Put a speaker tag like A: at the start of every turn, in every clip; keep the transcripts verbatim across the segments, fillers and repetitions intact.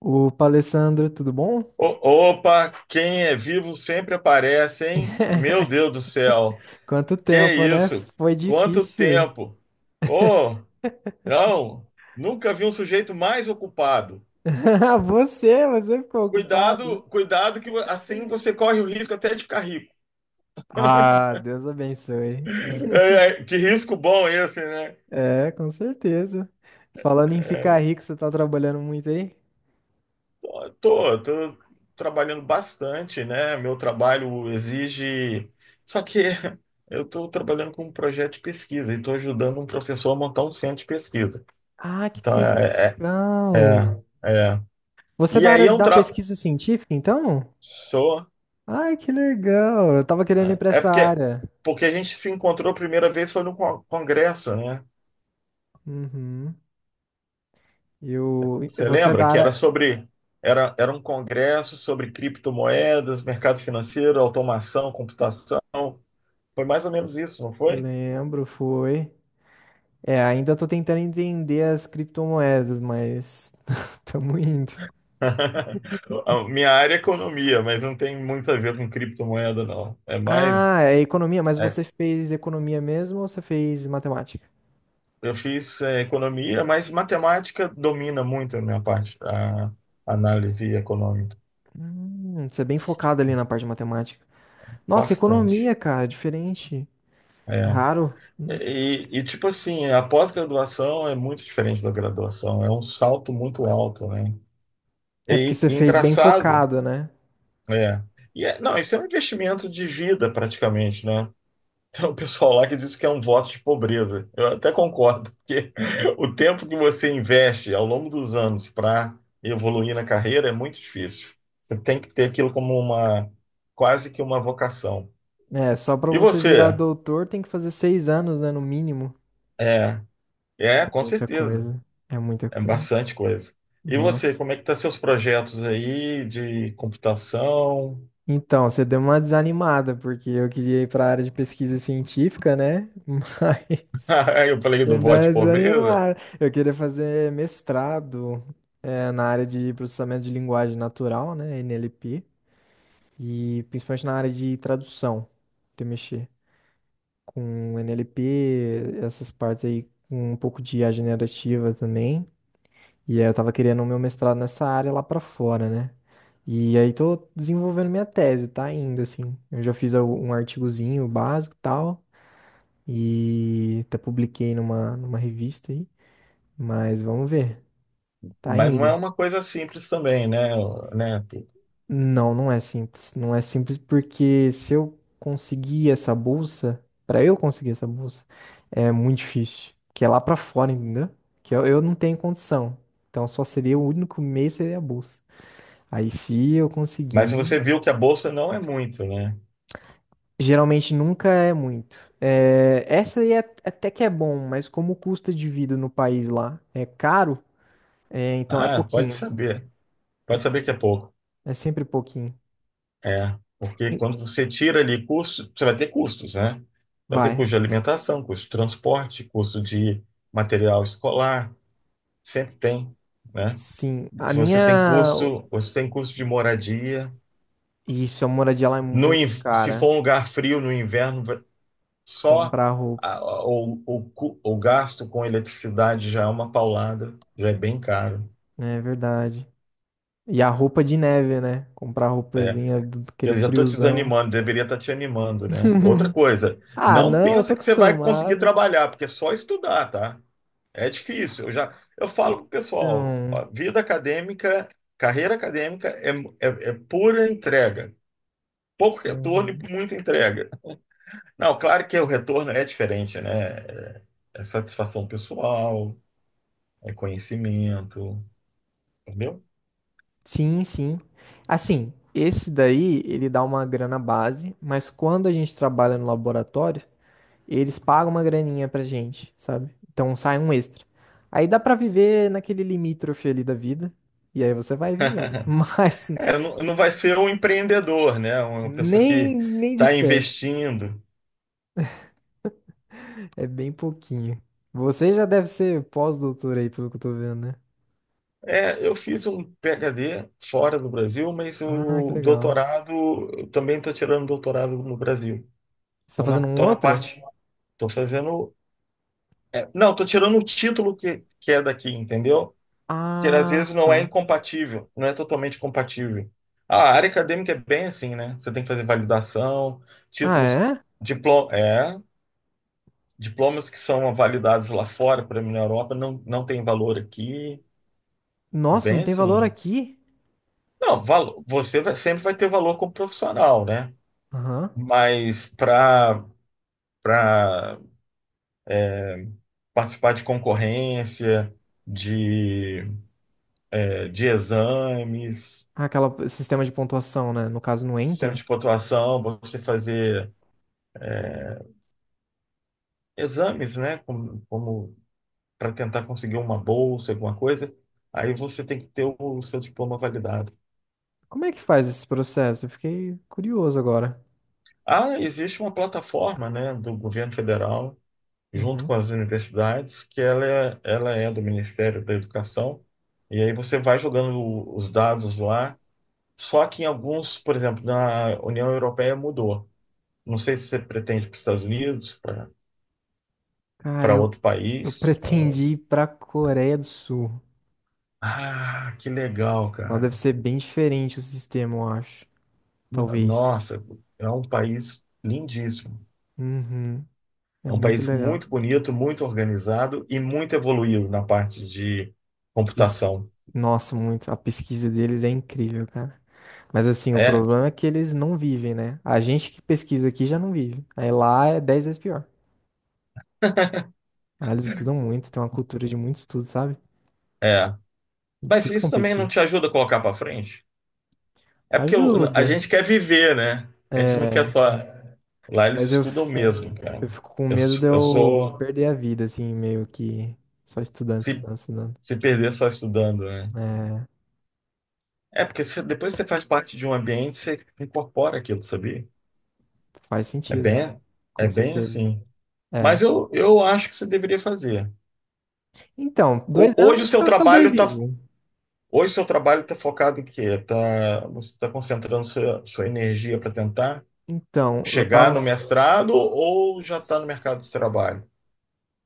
A: Opa, Alessandro, tudo bom?
B: O- Opa, quem é vivo sempre aparece, hein? Meu Deus do céu,
A: Quanto
B: que
A: tempo, né?
B: isso?
A: Foi
B: Quanto
A: difícil.
B: tempo! Oh, não, nunca vi um sujeito mais ocupado.
A: Você, você ficou ocupado.
B: Cuidado, cuidado que assim você corre o risco até de ficar rico.
A: Ah, Deus abençoe.
B: É, é, que risco bom esse, né?
A: É, com certeza. Falando em ficar rico, você tá trabalhando muito aí?
B: Tô, tô, trabalhando bastante, né? Meu trabalho exige. Só que eu estou trabalhando com um projeto de pesquisa e estou ajudando um professor a montar um centro de pesquisa.
A: Ah, que
B: Então, é, é
A: legal.
B: É, é.
A: Você é
B: E
A: da
B: aí
A: área
B: é um
A: da
B: tra...
A: pesquisa científica, então?
B: Sou.
A: Ai, que legal. Eu tava querendo ir pra
B: É
A: essa
B: porque,
A: área.
B: porque a gente se encontrou a primeira vez foi no con- congresso, né?
A: Uhum. E o-
B: Você
A: você é
B: lembra
A: da
B: que era
A: área.
B: sobre era, era um congresso sobre criptomoedas, mercado financeiro, automação, computação. Foi mais ou menos isso, não foi?
A: Lembro, foi. É, ainda tô tentando entender as criptomoedas, mas tamo indo.
B: A minha área é economia, mas não tem muito a ver com criptomoeda, não. É mais
A: Ah, é economia, mas
B: é,
A: você fez economia mesmo ou você fez matemática?
B: eu fiz é, economia, mas matemática domina muito a minha parte, a análise econômica.
A: Hum, você é bem focado ali na parte de matemática. Nossa,
B: Bastante.
A: economia, cara, diferente. É
B: É.
A: raro.
B: E, e, tipo assim, a pós-graduação é muito diferente da graduação, é um salto muito alto, né?
A: É porque
B: E,
A: você
B: e
A: fez bem
B: engraçado,
A: focado, né?
B: é. E é- não, isso é um investimento de vida praticamente, né? Tem um pessoal lá que diz que é um voto de pobreza. Eu até concordo, porque o tempo que você investe ao longo dos anos para evoluir na carreira é muito difícil. Você tem que ter aquilo como uma, quase que uma vocação.
A: É, só pra
B: E
A: você virar
B: você?
A: doutor tem que fazer seis anos, né, no mínimo.
B: É, é, com
A: Muita
B: certeza.
A: coisa. É muita
B: É
A: coisa.
B: bastante coisa. E você,
A: Nossa.
B: como é que tá seus projetos aí de computação?
A: Então, você deu uma desanimada, porque eu queria ir para a área de pesquisa científica, né? Mas
B: Eu falei
A: você
B: do
A: me deu
B: voto de
A: uma
B: pobreza,
A: desanimada. Eu queria fazer mestrado, eh, na área de processamento de linguagem natural, né? N L P, e principalmente na área de tradução, de mexer com N L P, essas partes aí, com um pouco de I A generativa também. E aí eu tava querendo o meu mestrado nessa área lá pra fora, né? E aí tô desenvolvendo minha tese, tá ainda assim. Eu já fiz al- um artigozinho básico e tal, e até publiquei numa, numa revista aí, mas vamos ver. Tá
B: mas não é
A: ainda.
B: uma coisa simples também, né, né, Tu?
A: Não, não é simples. Não é simples porque se eu conseguir essa bolsa, pra eu conseguir essa bolsa, é muito difícil, que é lá pra fora, entendeu? Que eu, eu não tenho condição. Então só seria o único meio seria a bolsa. Aí se eu
B: Mas
A: conseguir.
B: você viu que a bolsa não é muito, né?
A: Geralmente nunca é muito. É, essa aí é, até que é bom, mas como o custo de vida no país lá é caro, é, então é
B: Ah, pode
A: pouquinho,
B: saber. Pode saber
A: pouquinho.
B: que é pouco.
A: É sempre pouquinho.
B: É, porque
A: E-
B: quando você tira ali custo, você vai ter custos, né? Vai ter
A: Vai.
B: custo de alimentação, custo de transporte, custo de material escolar, sempre tem, né?
A: Sim. A
B: Se você tem
A: minha.
B: custo, você tem custo de moradia.
A: Isso, a moradia lá é
B: No,
A: muito
B: se
A: cara.
B: for um lugar frio no inverno, só
A: Comprar
B: a-
A: roupa.
B: a- o, o, cu- o gasto com eletricidade já é uma paulada, já é bem caro.
A: Né, é verdade. E a roupa de neve, né? Comprar
B: É.
A: roupazinha do aquele
B: Eu já estou te
A: friozão.
B: desanimando, deveria estar te animando, né? Outra coisa,
A: Ah,
B: não
A: não, eu tô
B: pensa que você vai conseguir
A: acostumado.
B: trabalhar, porque é só estudar, tá? É difícil. Eu já, eu falo pro pessoal,
A: Então.
B: ó, vida acadêmica, carreira acadêmica é, é, é pura entrega. Pouco retorno e
A: Uhum.
B: muita entrega. Não, claro que o retorno é diferente, né? É, é satisfação pessoal, é conhecimento, entendeu?
A: Sim, sim. Assim, esse daí, ele dá uma grana base, mas quando a gente trabalha no laboratório, eles pagam uma graninha pra gente, sabe? Então sai um extra. Aí dá pra viver naquele limítrofe ali da vida, e aí você vai vivendo. Mas
B: É, não, não vai ser um empreendedor, né? Uma pessoa
A: nem,
B: que
A: nem de
B: está
A: perto.
B: investindo.
A: É bem pouquinho. Você já deve ser pós-doutor aí, pelo que eu tô vendo, né?
B: É, eu fiz um P H D fora do Brasil, mas
A: Ah, que
B: o
A: legal.
B: doutorado, eu também estou tirando doutorado no Brasil.
A: Você tá
B: Estou na,
A: fazendo um
B: tô na
A: outro?
B: parte, estou fazendo. É, Não, estou tirando o título que, que é daqui, entendeu? Que às
A: Ah,
B: vezes não é
A: tá.
B: incompatível, não é totalmente compatível. A área acadêmica é bem assim, né? Você tem que fazer validação,
A: Ah,
B: títulos,
A: é?
B: diploma, é, diplomas que são validados lá fora, para mim na Europa, não, não tem valor aqui. É
A: Nossa, não
B: bem
A: tem valor
B: assim.
A: aqui?
B: Não, valo- você vai- sempre vai ter valor como profissional, né?
A: Aham.
B: Mas para para participar de concorrência, de, eh, de exames,
A: Ah, aquela sistema de pontuação, né? No caso, não
B: sistema
A: entra.
B: de pontuação, você fazer exames, né? Como, como para tentar conseguir uma bolsa, alguma coisa. Aí você tem que ter o, o seu diploma validado.
A: Como é que faz esse processo? Eu fiquei curioso agora.
B: Ah, existe uma plataforma, né, do governo federal, junto
A: Uhum.
B: com as universidades, que ela é, ela é do Ministério da Educação. E aí você vai jogando o- os dados lá. Só que em alguns, por exemplo, na União Europeia mudou. Não sei se você pretende para os Estados Unidos, para
A: Cara,
B: para
A: eu,
B: outro
A: eu
B: país.
A: pretendi ir pra Coreia do Sul.
B: Ah, que legal,
A: Lá
B: cara.
A: deve ser bem diferente o sistema, eu acho. Talvez.
B: Nossa, é um país lindíssimo.
A: Uhum. É
B: É um
A: muito
B: país
A: legal.
B: muito bonito, muito organizado e muito evoluído na parte de
A: Diz-
B: computação.
A: Nossa, muito. A pesquisa deles é incrível, cara. Mas assim, o
B: É,
A: problema é que eles não vivem, né? A gente que pesquisa aqui já não vive. Aí lá é dez vezes pior. Lá eles estudam muito, tem uma cultura de muito estudo, sabe?
B: é.
A: É
B: Mas
A: difícil
B: isso também não
A: competir.
B: te ajuda a colocar para frente? É porque o- a
A: Ajuda.
B: gente quer viver, né? A gente não quer
A: É,
B: só. Lá eles
A: mas eu,
B: estudam
A: f-
B: mesmo, cara.
A: eu fico com
B: Eu,
A: medo
B: sou-
A: de
B: eu
A: eu
B: sou.
A: perder a vida, assim, meio que só estudando,
B: Se,
A: estudando, estudando.
B: se perder só estudando, né?
A: É,
B: É porque você- depois que você faz parte de um ambiente, você incorpora aquilo, sabia?
A: faz
B: É
A: sentido,
B: bem, é
A: com
B: bem
A: certeza.
B: assim. Mas
A: É.
B: eu, eu acho que você deveria fazer.
A: Então,
B: Ho-
A: dois anos
B: Hoje o
A: acho que
B: seu
A: eu
B: trabalho está
A: sobrevivo.
B: hoje o seu trabalho tá focado em quê? Tá, você está concentrando sua, sua energia para tentar
A: Então, eu
B: chegar
A: tava.
B: no
A: f-
B: mestrado ou já está no mercado de trabalho?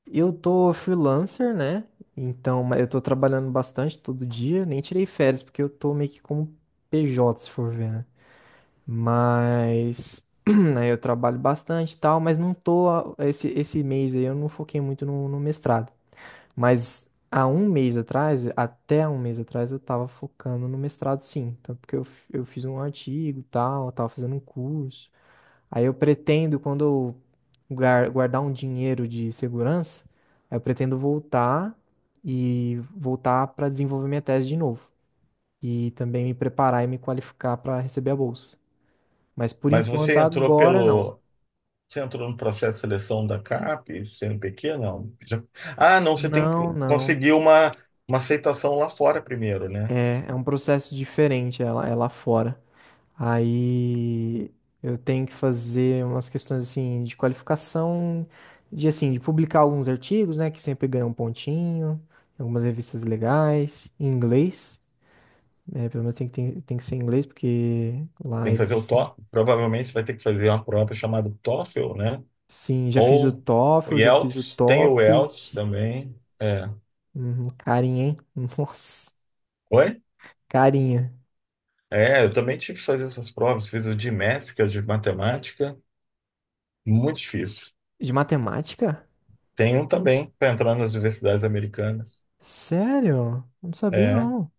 A: eu tô freelancer, né? Então, ma- eu tô trabalhando bastante todo dia. Nem tirei férias, porque eu tô meio que como P J, se for ver, né? Mas aí eu trabalho bastante e tal, mas não tô. Esse, esse mês aí eu não foquei muito no, no mestrado. Mas há um mês atrás, até um mês atrás, eu tava focando no mestrado sim. Tanto que eu, f- eu fiz um artigo e tal, eu tava fazendo um curso. Aí eu pretendo, quando eu guar- guardar um dinheiro de segurança, aí eu pretendo voltar e voltar para desenvolver minha tese de novo. E também me preparar e me qualificar para receber a bolsa. Mas por
B: Mas
A: enquanto,
B: você entrou
A: agora não.
B: pelo você entrou no processo de seleção da C A P, C N P q, não? Já- ah, não, você tem
A: Não,
B: que
A: não.
B: conseguir uma, uma aceitação lá fora primeiro, né?
A: É, é um processo diferente, ela, é lá fora. Aí eu tenho que fazer umas questões assim de qualificação, de assim, de publicar alguns artigos, né, que sempre ganham um pontinho, em algumas revistas legais, em inglês. É, pelo menos tem que, tem, tem que ser em inglês, porque lá
B: Tem que fazer o
A: eles.
B: tófel, provavelmente você vai ter que fazer uma prova chamada tófel, né?
A: Sim, já fiz o
B: Ou o
A: TOEFL, já fiz o
B: Yelts, tem o Yelts
A: TOPIC.
B: também. É.
A: Uhum, carinha, hein? Nossa,
B: Oi?
A: carinha.
B: É, eu também tive que fazer essas provas, fiz o de Maths, que é o de matemática, muito difícil.
A: De matemática?
B: Tem um também para entrar nas universidades americanas.
A: Sério? Não sabia,
B: É.
A: não.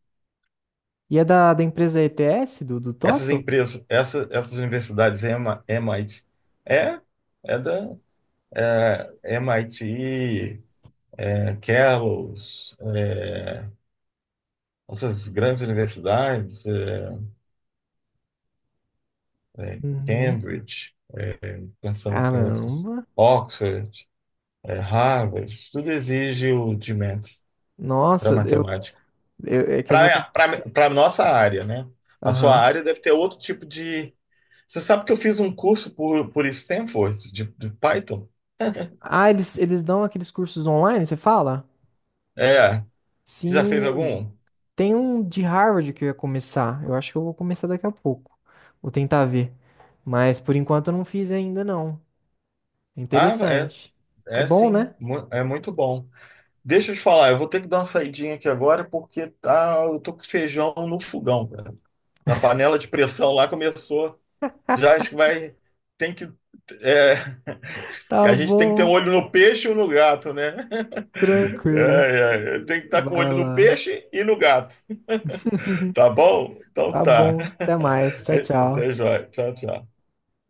A: E é da, da empresa E T S, do, do
B: Essas
A: TOEFL?
B: empresas, essa, essas universidades E M A, M I T, é, é da é, M I T, é, Kellogg's, é, essas grandes universidades, é, é,
A: Uhum.
B: Cambridge, pensando aqui em outras,
A: Caramba.
B: Oxford, é, Harvard, isso tudo exige o de Math para
A: Nossa, eu,
B: matemática.
A: eu- é que eu vou ter que...
B: Para a nossa área, né? A sua
A: Aham.
B: área deve ter outro tipo de. Você sabe que eu fiz um curso por, por Stanford, de, de Python?
A: Ah, eles, eles dão aqueles cursos online, você fala?
B: É. Você já fez
A: Sim.
B: algum?
A: Tem um de Harvard que eu ia começar. Eu acho que eu vou começar daqui a pouco. Vou tentar ver. Mas por enquanto eu não fiz ainda, não. É
B: Ah, é,
A: interessante. É
B: é
A: bom, né?
B: sim, mu- é muito bom. Deixa eu te falar, eu vou ter que dar uma saidinha aqui agora porque tá, eu tô com feijão no fogão, cara. Na panela de pressão lá começou. Já acho que vai. Tem que. É,
A: Tá
B: a gente tem que ter um
A: bom.
B: olho no peixe e um no gato, né?
A: Tranquilo.
B: É, é, tem que estar com o
A: Vai
B: olho no
A: lá.
B: peixe e no gato. Tá bom? Então
A: Tá
B: tá.
A: bom. Até mais. Tchau, tchau.
B: Até jóia. Tchau, tchau.